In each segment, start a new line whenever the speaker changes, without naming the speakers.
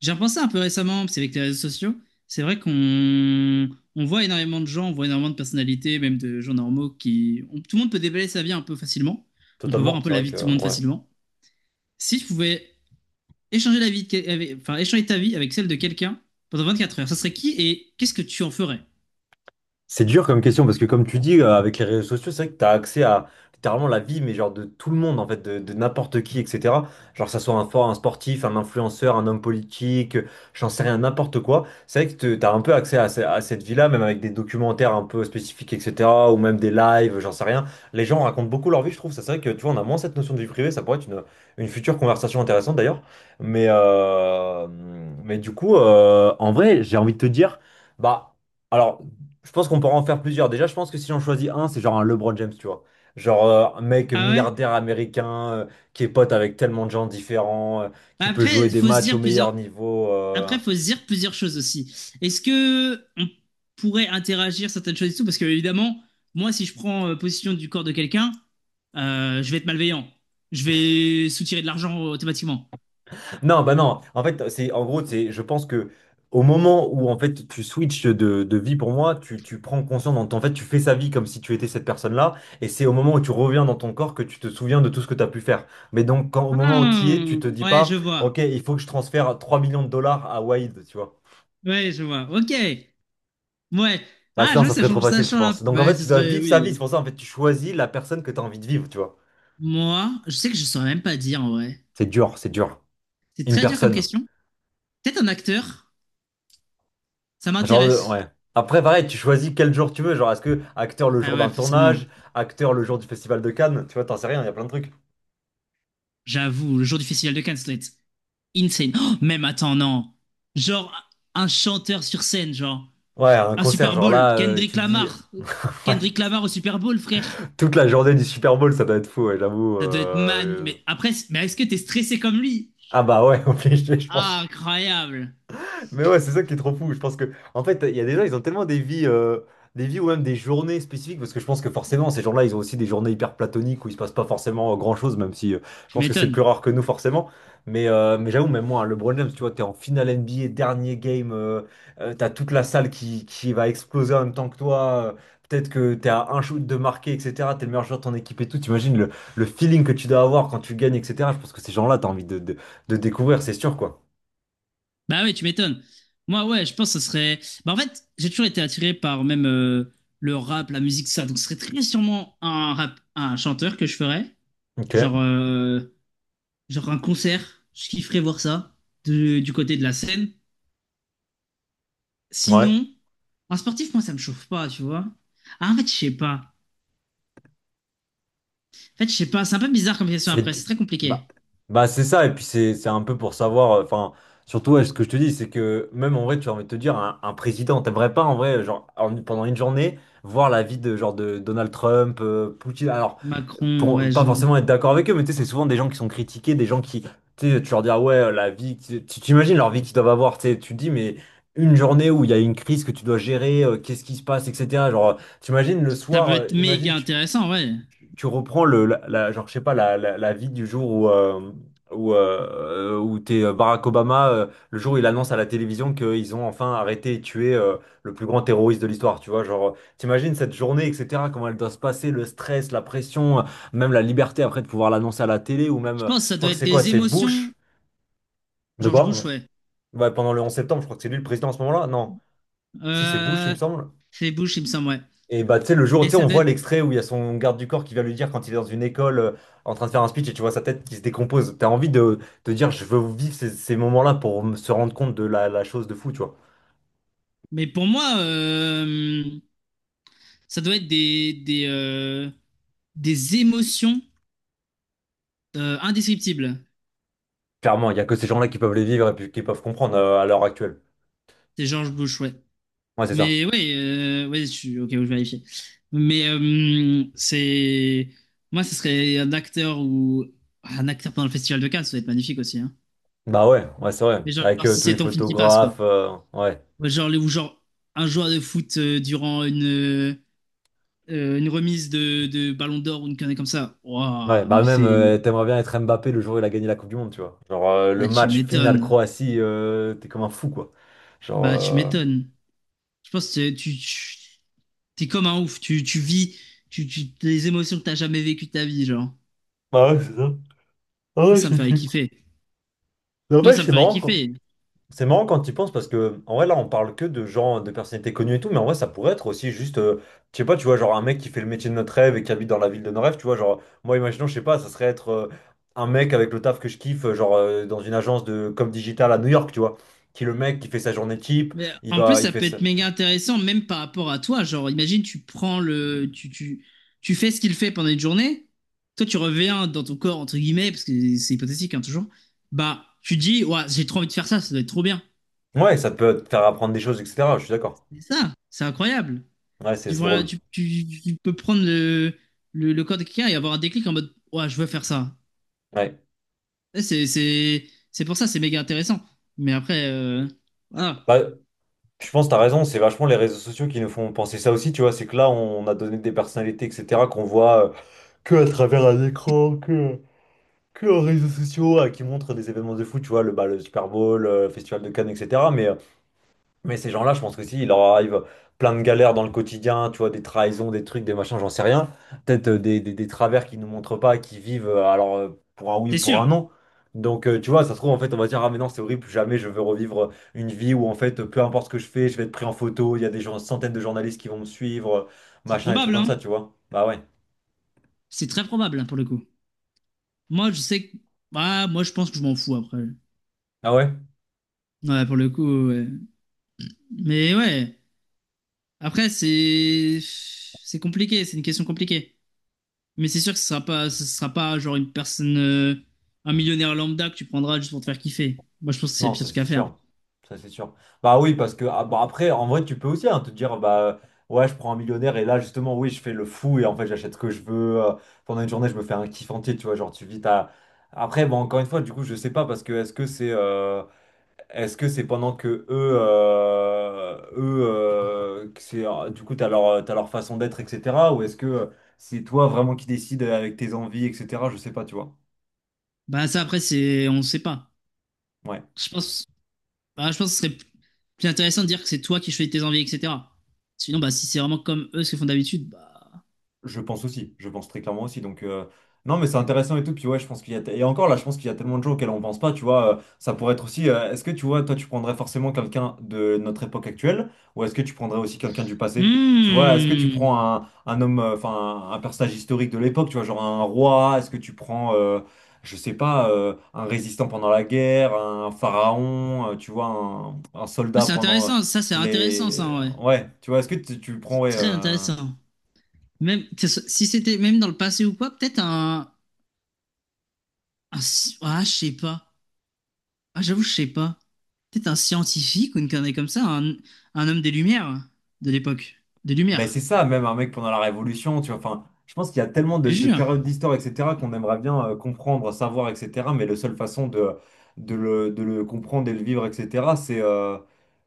J'ai repensé un peu récemment, parce qu'avec les réseaux sociaux, c'est vrai qu'on on voit énormément de gens, on voit énormément de personnalités, même de gens normaux tout le monde peut déballer sa vie un peu facilement. On peut voir un
Totalement,
peu
c'est
la
vrai
vie
que
de tout le monde
ouais.
facilement. Si tu pouvais échanger la vie de échanger ta vie avec celle de quelqu'un pendant 24 heures, ça serait qui et qu'est-ce que tu en ferais?
C'est dur comme question parce que comme tu dis, avec les réseaux sociaux, c'est vrai que tu as accès à littéralement la vie, mais genre de tout le monde, en fait, de n'importe qui, etc. Genre que ça soit un, fort, un sportif, un influenceur, un homme politique, j'en sais rien, n'importe quoi. C'est vrai que tu as un peu accès à, à cette vie-là, même avec des documentaires un peu spécifiques, etc. Ou même des lives, j'en sais rien. Les gens racontent beaucoup leur vie, je trouve. Ça, c'est vrai que tu vois, on a moins cette notion de vie privée, ça pourrait être une future conversation intéressante d'ailleurs. Mais, euh, mais du coup, en vrai, j'ai envie de te dire, bah. Alors, je pense qu'on pourra en faire plusieurs. Déjà, je pense que si j'en choisis un, c'est genre un LeBron James, tu vois. Genre un mec
Ah ouais?
milliardaire américain qui est pote avec tellement de gens différents,
Bah
qui peut
Après,
jouer
il
des
faut se
matchs au
dire plusieurs.
meilleur niveau.
Après, il faut se dire plusieurs choses aussi. Est-ce que on pourrait interagir certaines choses et tout. Parce que, évidemment, moi, si je prends position du corps de quelqu'un, je vais être malveillant. Je vais soutirer de l'argent automatiquement.
Non, bah non. En fait, c'est en gros, je pense que au moment où en fait tu switches de vie pour moi, tu prends conscience, en fait, tu fais sa vie comme si tu étais cette personne-là, et c'est au moment où tu reviens dans ton corps que tu te souviens de tout ce que tu as pu faire. Mais donc, quand, au moment où tu y es, tu
Hmm,
te dis
ouais, je
pas,
vois.
ok, il faut que je transfère 3 millions de dollars à Wade, tu vois.
Ouais, je vois. Ok. Ouais.
Bah
Ah, je
sinon,
vois,
ça serait trop
ça
facile, je
change un peu.
pense. Donc en
Ouais,
fait,
ce
tu dois
serait,
vivre sa
oui.
vie. C'est pour ça, en fait, tu choisis la personne que tu as envie de vivre, tu vois.
Moi, je sais que je saurais même pas dire en vrai.
C'est dur, c'est dur.
C'est
Une
très dur comme
personne.
question. Peut-être un acteur, ça
Genre,
m'intéresse.
ouais. Après, pareil, tu choisis quel jour tu veux. Genre, est-ce que acteur le
Ah
jour
ouais,
d'un
forcément.
tournage, acteur le jour du Festival de Cannes, tu vois, t'en sais rien, il y a plein de trucs.
J'avoue, le jour du festival de Cannes, ça doit être insane. Oh, même attends, non. Genre un chanteur sur scène, genre
Ouais, un
un
concert,
Super
genre
Bowl,
là,
Kendrick
tu te dis.
Lamar.
Ouais,
Kendrick Lamar au Super Bowl, frère.
toute la journée du Super Bowl, ça doit être fou, ouais, j'avoue.
Ça doit être man. Mais après, mais est-ce que t'es stressé comme lui?
Ah bah ouais, obligé, je
Ah,
pense.
incroyable.
Mais ouais, c'est ça qui est trop fou. Je pense que, en fait, il y a des gens, ils ont tellement des vies ou même des journées spécifiques, parce que je pense que forcément, ces gens-là, ils ont aussi des journées hyper platoniques où il se passe pas forcément grand-chose, même si je
Tu
pense que c'est plus
m'étonnes.
rare que nous, forcément. Mais j'avoue, même moi, le LeBron James, tu vois, t'es en finale NBA, dernier game, t'as toute la salle qui va exploser en même temps que toi. Peut-être que t'es à un shoot de marquer, etc. T'es le meilleur joueur de ton équipe et tout. T'imagines le feeling que tu dois avoir quand tu gagnes, etc. Je pense que ces gens-là, t'as envie de découvrir, c'est sûr, quoi.
Bah oui, tu m'étonnes. Moi, ouais, je pense que ce serait. Bah en fait, j'ai toujours été attiré par même le rap, la musique, tout ça. Donc ce serait très sûrement un rap, un chanteur que je ferais.
Ok,
Genre, euh, genre un concert. Je kifferais voir ça du côté de la scène.
ouais.
Sinon. En sportif, moi, ça me chauffe pas, tu vois. Ah, en fait, je sais pas. En fait, je sais pas. C'est un peu bizarre comme question
C'est
après.
que-
C'est très
bah,
compliqué.
bah c'est ça, et puis c'est un peu pour savoir, enfin, surtout ouais, ce que je te dis, c'est que même en vrai, tu as envie de te dire, un président, t'aimerais pas en vrai, genre, pendant une journée, voir la vie de genre de Donald Trump, Poutine, alors,
Macron,
pour
ouais,
pas
je...
forcément être d'accord avec eux, mais tu sais, c'est souvent des gens qui sont critiqués, des gens qui, tu sais, tu leur dis, ah ouais, la vie, t'imagines leur vie qu'ils doivent avoir, tu sais, tu te dis, mais une journée où il y a une crise que tu dois gérer, qu'est-ce qui se passe, etc. Genre, t'imagines le
Ça
soir,
peut être
imagine,
méga intéressant, ouais.
tu reprends genre, je sais pas, la vie du jour où t'es Barack Obama, le jour où il annonce à la télévision qu'ils ont enfin arrêté et tué le plus grand terroriste de l'histoire, tu vois, genre, t'imagines cette journée, etc., comment elle doit se passer, le stress, la pression, même la liberté après de pouvoir l'annoncer à la télé, ou même,
Je pense que ça
je crois
doit
que
être
c'est quoi,
des
c'est
émotions.
Bush, de
George Bush,
quoi?
ouais.
Ouais, pendant le 11 septembre, je crois que c'est lui le président à ce moment-là, non, si c'est Bush, il me
Euh...
semble.
C'est Bush, il me semble, ouais.
Et bah, tu sais, le jour,
Mais
tu sais,
ça
on
doit
voit
être...
l'extrait où il y a son garde du corps qui vient lui dire quand il est dans une école en train de faire un speech et tu vois sa tête qui se décompose. T'as envie de dire, je veux vivre ces moments-là pour se rendre compte de la chose de fou, tu vois.
Mais pour moi, ça doit être des émotions indescriptibles.
Clairement, il n'y a que ces gens-là qui peuvent les vivre et puis qui peuvent comprendre à l'heure actuelle.
C'est George Bush, ouais.
Ouais, c'est ça.
Mais ouais, ouais, je suis ok où je vérifie. Mais c'est. Moi, ce serait un acteur ou. Un acteur pendant le Festival de Cannes, ça va être magnifique aussi. Hein.
Bah ouais, ouais, c'est vrai.
Mais genre,
Avec
si
tous les
c'est ton film qui passe, quoi.
photographes, ouais.
Ouais. Genre, ou genre, un joueur de foot durant une remise de Ballon d'Or ou une connerie comme ça.
Ouais,
Waouh,
bah
mais
même,
c'est.
t'aimerais bien être Mbappé le jour où il a gagné la Coupe du Monde, tu vois. Genre, le
Ah, tu
match final
m'étonnes.
Croatie, t'es comme un fou, quoi. Genre.
Bah, tu m'étonnes. Je pense que tu. Tu- T'es comme un ouf. Tu vis les émotions que t'as jamais vécues de ta vie, genre.
Ah ouais, c'est ça. Ah
Moi,
ouais,
ça me
je
ferait
suis.
kiffer.
Mais en
Moi,
fait,
ça me
c'est
ferait
marrant, quoi.
kiffer.
C'est marrant quand tu y penses parce que en vrai là on parle que de gens, de personnalités connues et tout, mais en vrai ça pourrait être aussi juste, je sais pas, tu vois, genre un mec qui fait le métier de notre rêve et qui habite dans la ville de nos rêves, tu vois, genre moi imaginons, je sais pas, ça serait être un mec avec le taf que je kiffe, genre dans une agence de com digital à New York, tu vois, qui est le mec qui fait sa journée type,
Mais en plus,
il
ça
fait
peut
ça.
être méga intéressant, même par rapport à toi. Genre, imagine, tu prends le. Tu fais ce qu'il fait pendant une journée. Toi, tu reviens dans ton corps, entre guillemets, parce que c'est hypothétique, hein, toujours. Bah, tu dis, ouais, j'ai trop envie de faire ça, ça doit être trop bien.
Ouais, ça peut te faire apprendre des choses, etc. Je suis d'accord.
C'est ça, c'est incroyable.
Ouais, c'est
Tu,
c'est
voilà,
drôle.
tu, tu, tu peux prendre le corps de quelqu'un et avoir un déclic en mode, ouais, je veux faire ça.
Ouais.
Et c'est pour ça, c'est méga intéressant. Mais après, voilà.
Bah, je pense que t'as raison, c'est vachement les réseaux sociaux qui nous font penser ça aussi, tu vois, c'est que là on a donné des personnalités, etc. qu'on voit. Que à travers un écran, que en réseaux sociaux, qui montrent des événements de foot, tu vois, le Super Bowl, le Festival de Cannes, etc. Mais ces gens-là, je pense que si, il leur arrive plein de galères dans le quotidien, tu vois, des trahisons, des trucs, des machins, j'en sais rien. Peut-être des travers qu'ils ne nous montrent pas, qui vivent, alors, pour un oui ou
C'est
pour un
sûr,
non. Donc, tu vois, ça se trouve, en fait, on va dire, ah, mais non, c'est horrible, plus jamais je veux revivre une vie où, en fait, peu importe ce que je fais, je vais être pris en photo, il y a des gens, centaines de journalistes qui vont me suivre,
c'est
machin, des trucs
probable,
comme
hein.
ça, tu vois. Bah ouais.
C'est très probable, hein, pour le coup. Moi, je sais que. Ah, moi, je pense que je m'en fous après.
Ah ouais?
Ouais, pour le coup, ouais. Mais ouais. Après, c'est. C'est compliqué, c'est une question compliquée. Mais c'est sûr que ce sera pas genre une personne. Un millionnaire lambda que tu prendras juste pour te faire kiffer. Moi, je pense que c'est le
Non,
pire
ça
truc
c'est
à faire.
sûr. Ça c'est sûr. Bah oui, parce que ah, bah, après, en vrai, tu peux aussi hein, te dire, bah ouais, je prends un millionnaire et là, justement, oui, je fais le fou et en fait, j'achète ce que je veux. Pendant une journée, je me fais un kiff entier, tu vois. Genre, tu vis ta. Après, bon, encore une fois, du coup, je sais pas parce que est-ce que c'est pendant que eux, que c'est, du coup, t'as leur façon d'être, etc. Ou est-ce que c'est toi vraiment qui décides avec tes envies, etc. Je sais pas, tu vois.
Bah, ça, après, c'est. On sait pas.
Ouais.
Je pense. Bah, je pense que ce serait plus intéressant de dire que c'est toi qui choisis tes envies, etc. Sinon, bah, si c'est vraiment comme eux ce qu'ils font d'habitude, bah.
Je pense aussi, je pense très clairement aussi. Donc, non, mais c'est intéressant et tout. Puis, ouais, je pense qu'il y a. Et encore là, je pense qu'il y a tellement de gens auxquels on pense pas, tu vois. Ça pourrait être aussi. Est-ce que tu vois, toi, tu prendrais forcément quelqu'un de notre époque actuelle ou est-ce que tu prendrais aussi quelqu'un du passé? Tu vois, est-ce que tu prends
Hmm.
un homme, enfin, un personnage historique de l'époque, tu vois, genre un roi? Est-ce que tu prends, je sais pas, un résistant pendant la guerre, un pharaon, tu vois, un
Ah,
soldat pendant
c'est intéressant, ça,
les.
en vrai.
Ouais, tu vois, est-ce que tu prends,
C'est
ouais.
très intéressant. Si c'était même dans le passé ou quoi, peut-être un, je sais pas. Ah j'avoue je sais pas. Peut-être un scientifique ou une connerie comme ça, un homme des Lumières de l'époque, des
Ben c'est
Lumières.
ça, même un mec pendant la Révolution, tu vois. Enfin, je pense qu'il y a tellement
Je
de,
te
de
jure,
périodes d'histoire, etc., qu'on aimerait bien comprendre, savoir, etc. Mais la seule façon de le comprendre et le vivre, etc., c'est euh,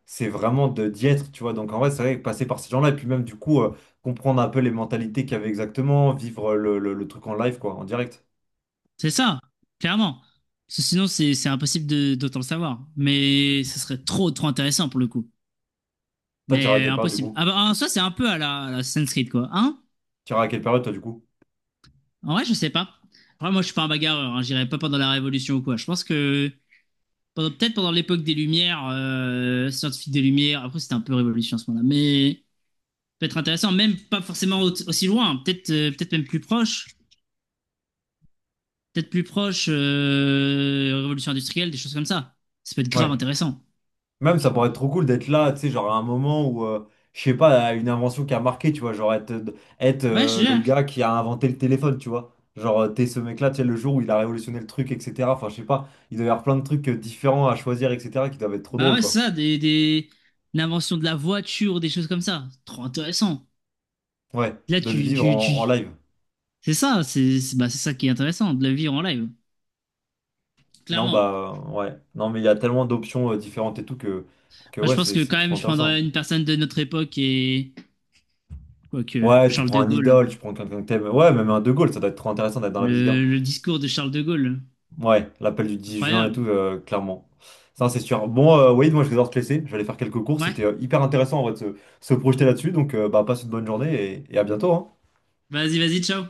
c'est vraiment de d'y être, tu vois. Donc en vrai, c'est vrai que passer par ces gens-là, et puis même du coup, comprendre un peu les mentalités qu'il y avait exactement, vivre le truc en live, quoi, en direct.
c'est ça, clairement. Parce que sinon c'est impossible de d'autant le savoir. Mais ce serait trop intéressant pour le coup.
Toi, tu iras à
Mais
quelle période du
impossible.
coup?
Ah bah, en soi c'est un peu à la Assassin's Creed, quoi, hein?
Tu iras à quelle période, toi, du coup?
En vrai je sais pas. Après moi je suis pas un bagarreur, hein. J'irai pas pendant la Révolution ou quoi. Je pense que peut-être pendant l'époque des Lumières, scientifique des Lumières. Après, c'était un peu révolution à ce moment-là, mais peut-être intéressant, même pas forcément aussi loin, hein, peut-être même plus proche, peut-être plus proche révolution industrielle, des choses comme ça. Ça peut être grave
Ouais.
intéressant.
Même ça pourrait être trop cool d'être là, tu sais, genre à un moment où, je sais pas, une invention qui a marqué, tu vois, genre être, être
Ouais, je
euh,
sais
le
pas.
gars qui a inventé le téléphone, tu vois. Genre, t'es ce mec-là, tu sais, le jour où il a révolutionné le truc, etc. Enfin, je sais pas, il doit y avoir plein de trucs différents à choisir, etc., qui doivent être trop
Bah
drôles,
ouais, c'est
quoi.
ça, des... l'invention de la voiture, des choses comme ça. Trop intéressant.
Ouais,
Là,
de le
tu,
vivre
tu,
en,
tu...
en live.
c'est ça, bah, c'est ça qui est intéressant, de la vivre en live,
Non,
clairement.
bah, ouais. Non, mais il y a tellement d'options différentes et tout que,
Enfin, je
ouais,
pense
c'est
que
c'est
quand
trop
même, je prendrais
intéressant.
une personne de notre époque et quoique
Ouais, tu
Charles
prends
de
un
Gaulle.
idole, tu prends quelqu'un que t'aimes. Ouais, même un De Gaulle, ça doit être trop intéressant d'être dans la vie de ce gars.
Le discours de Charles de Gaulle.
Ouais, l'appel du 10 juin et tout,
Incroyable.
clairement. Ça, c'est sûr. Bon, Walid, moi, je vais devoir te laisser. Je vais aller faire quelques courses.
Ouais,
C'était hyper intéressant, en vrai, de se projeter là-dessus. Donc, bah, passe une bonne journée et à bientôt, hein.
vas-y, vas-y, ciao.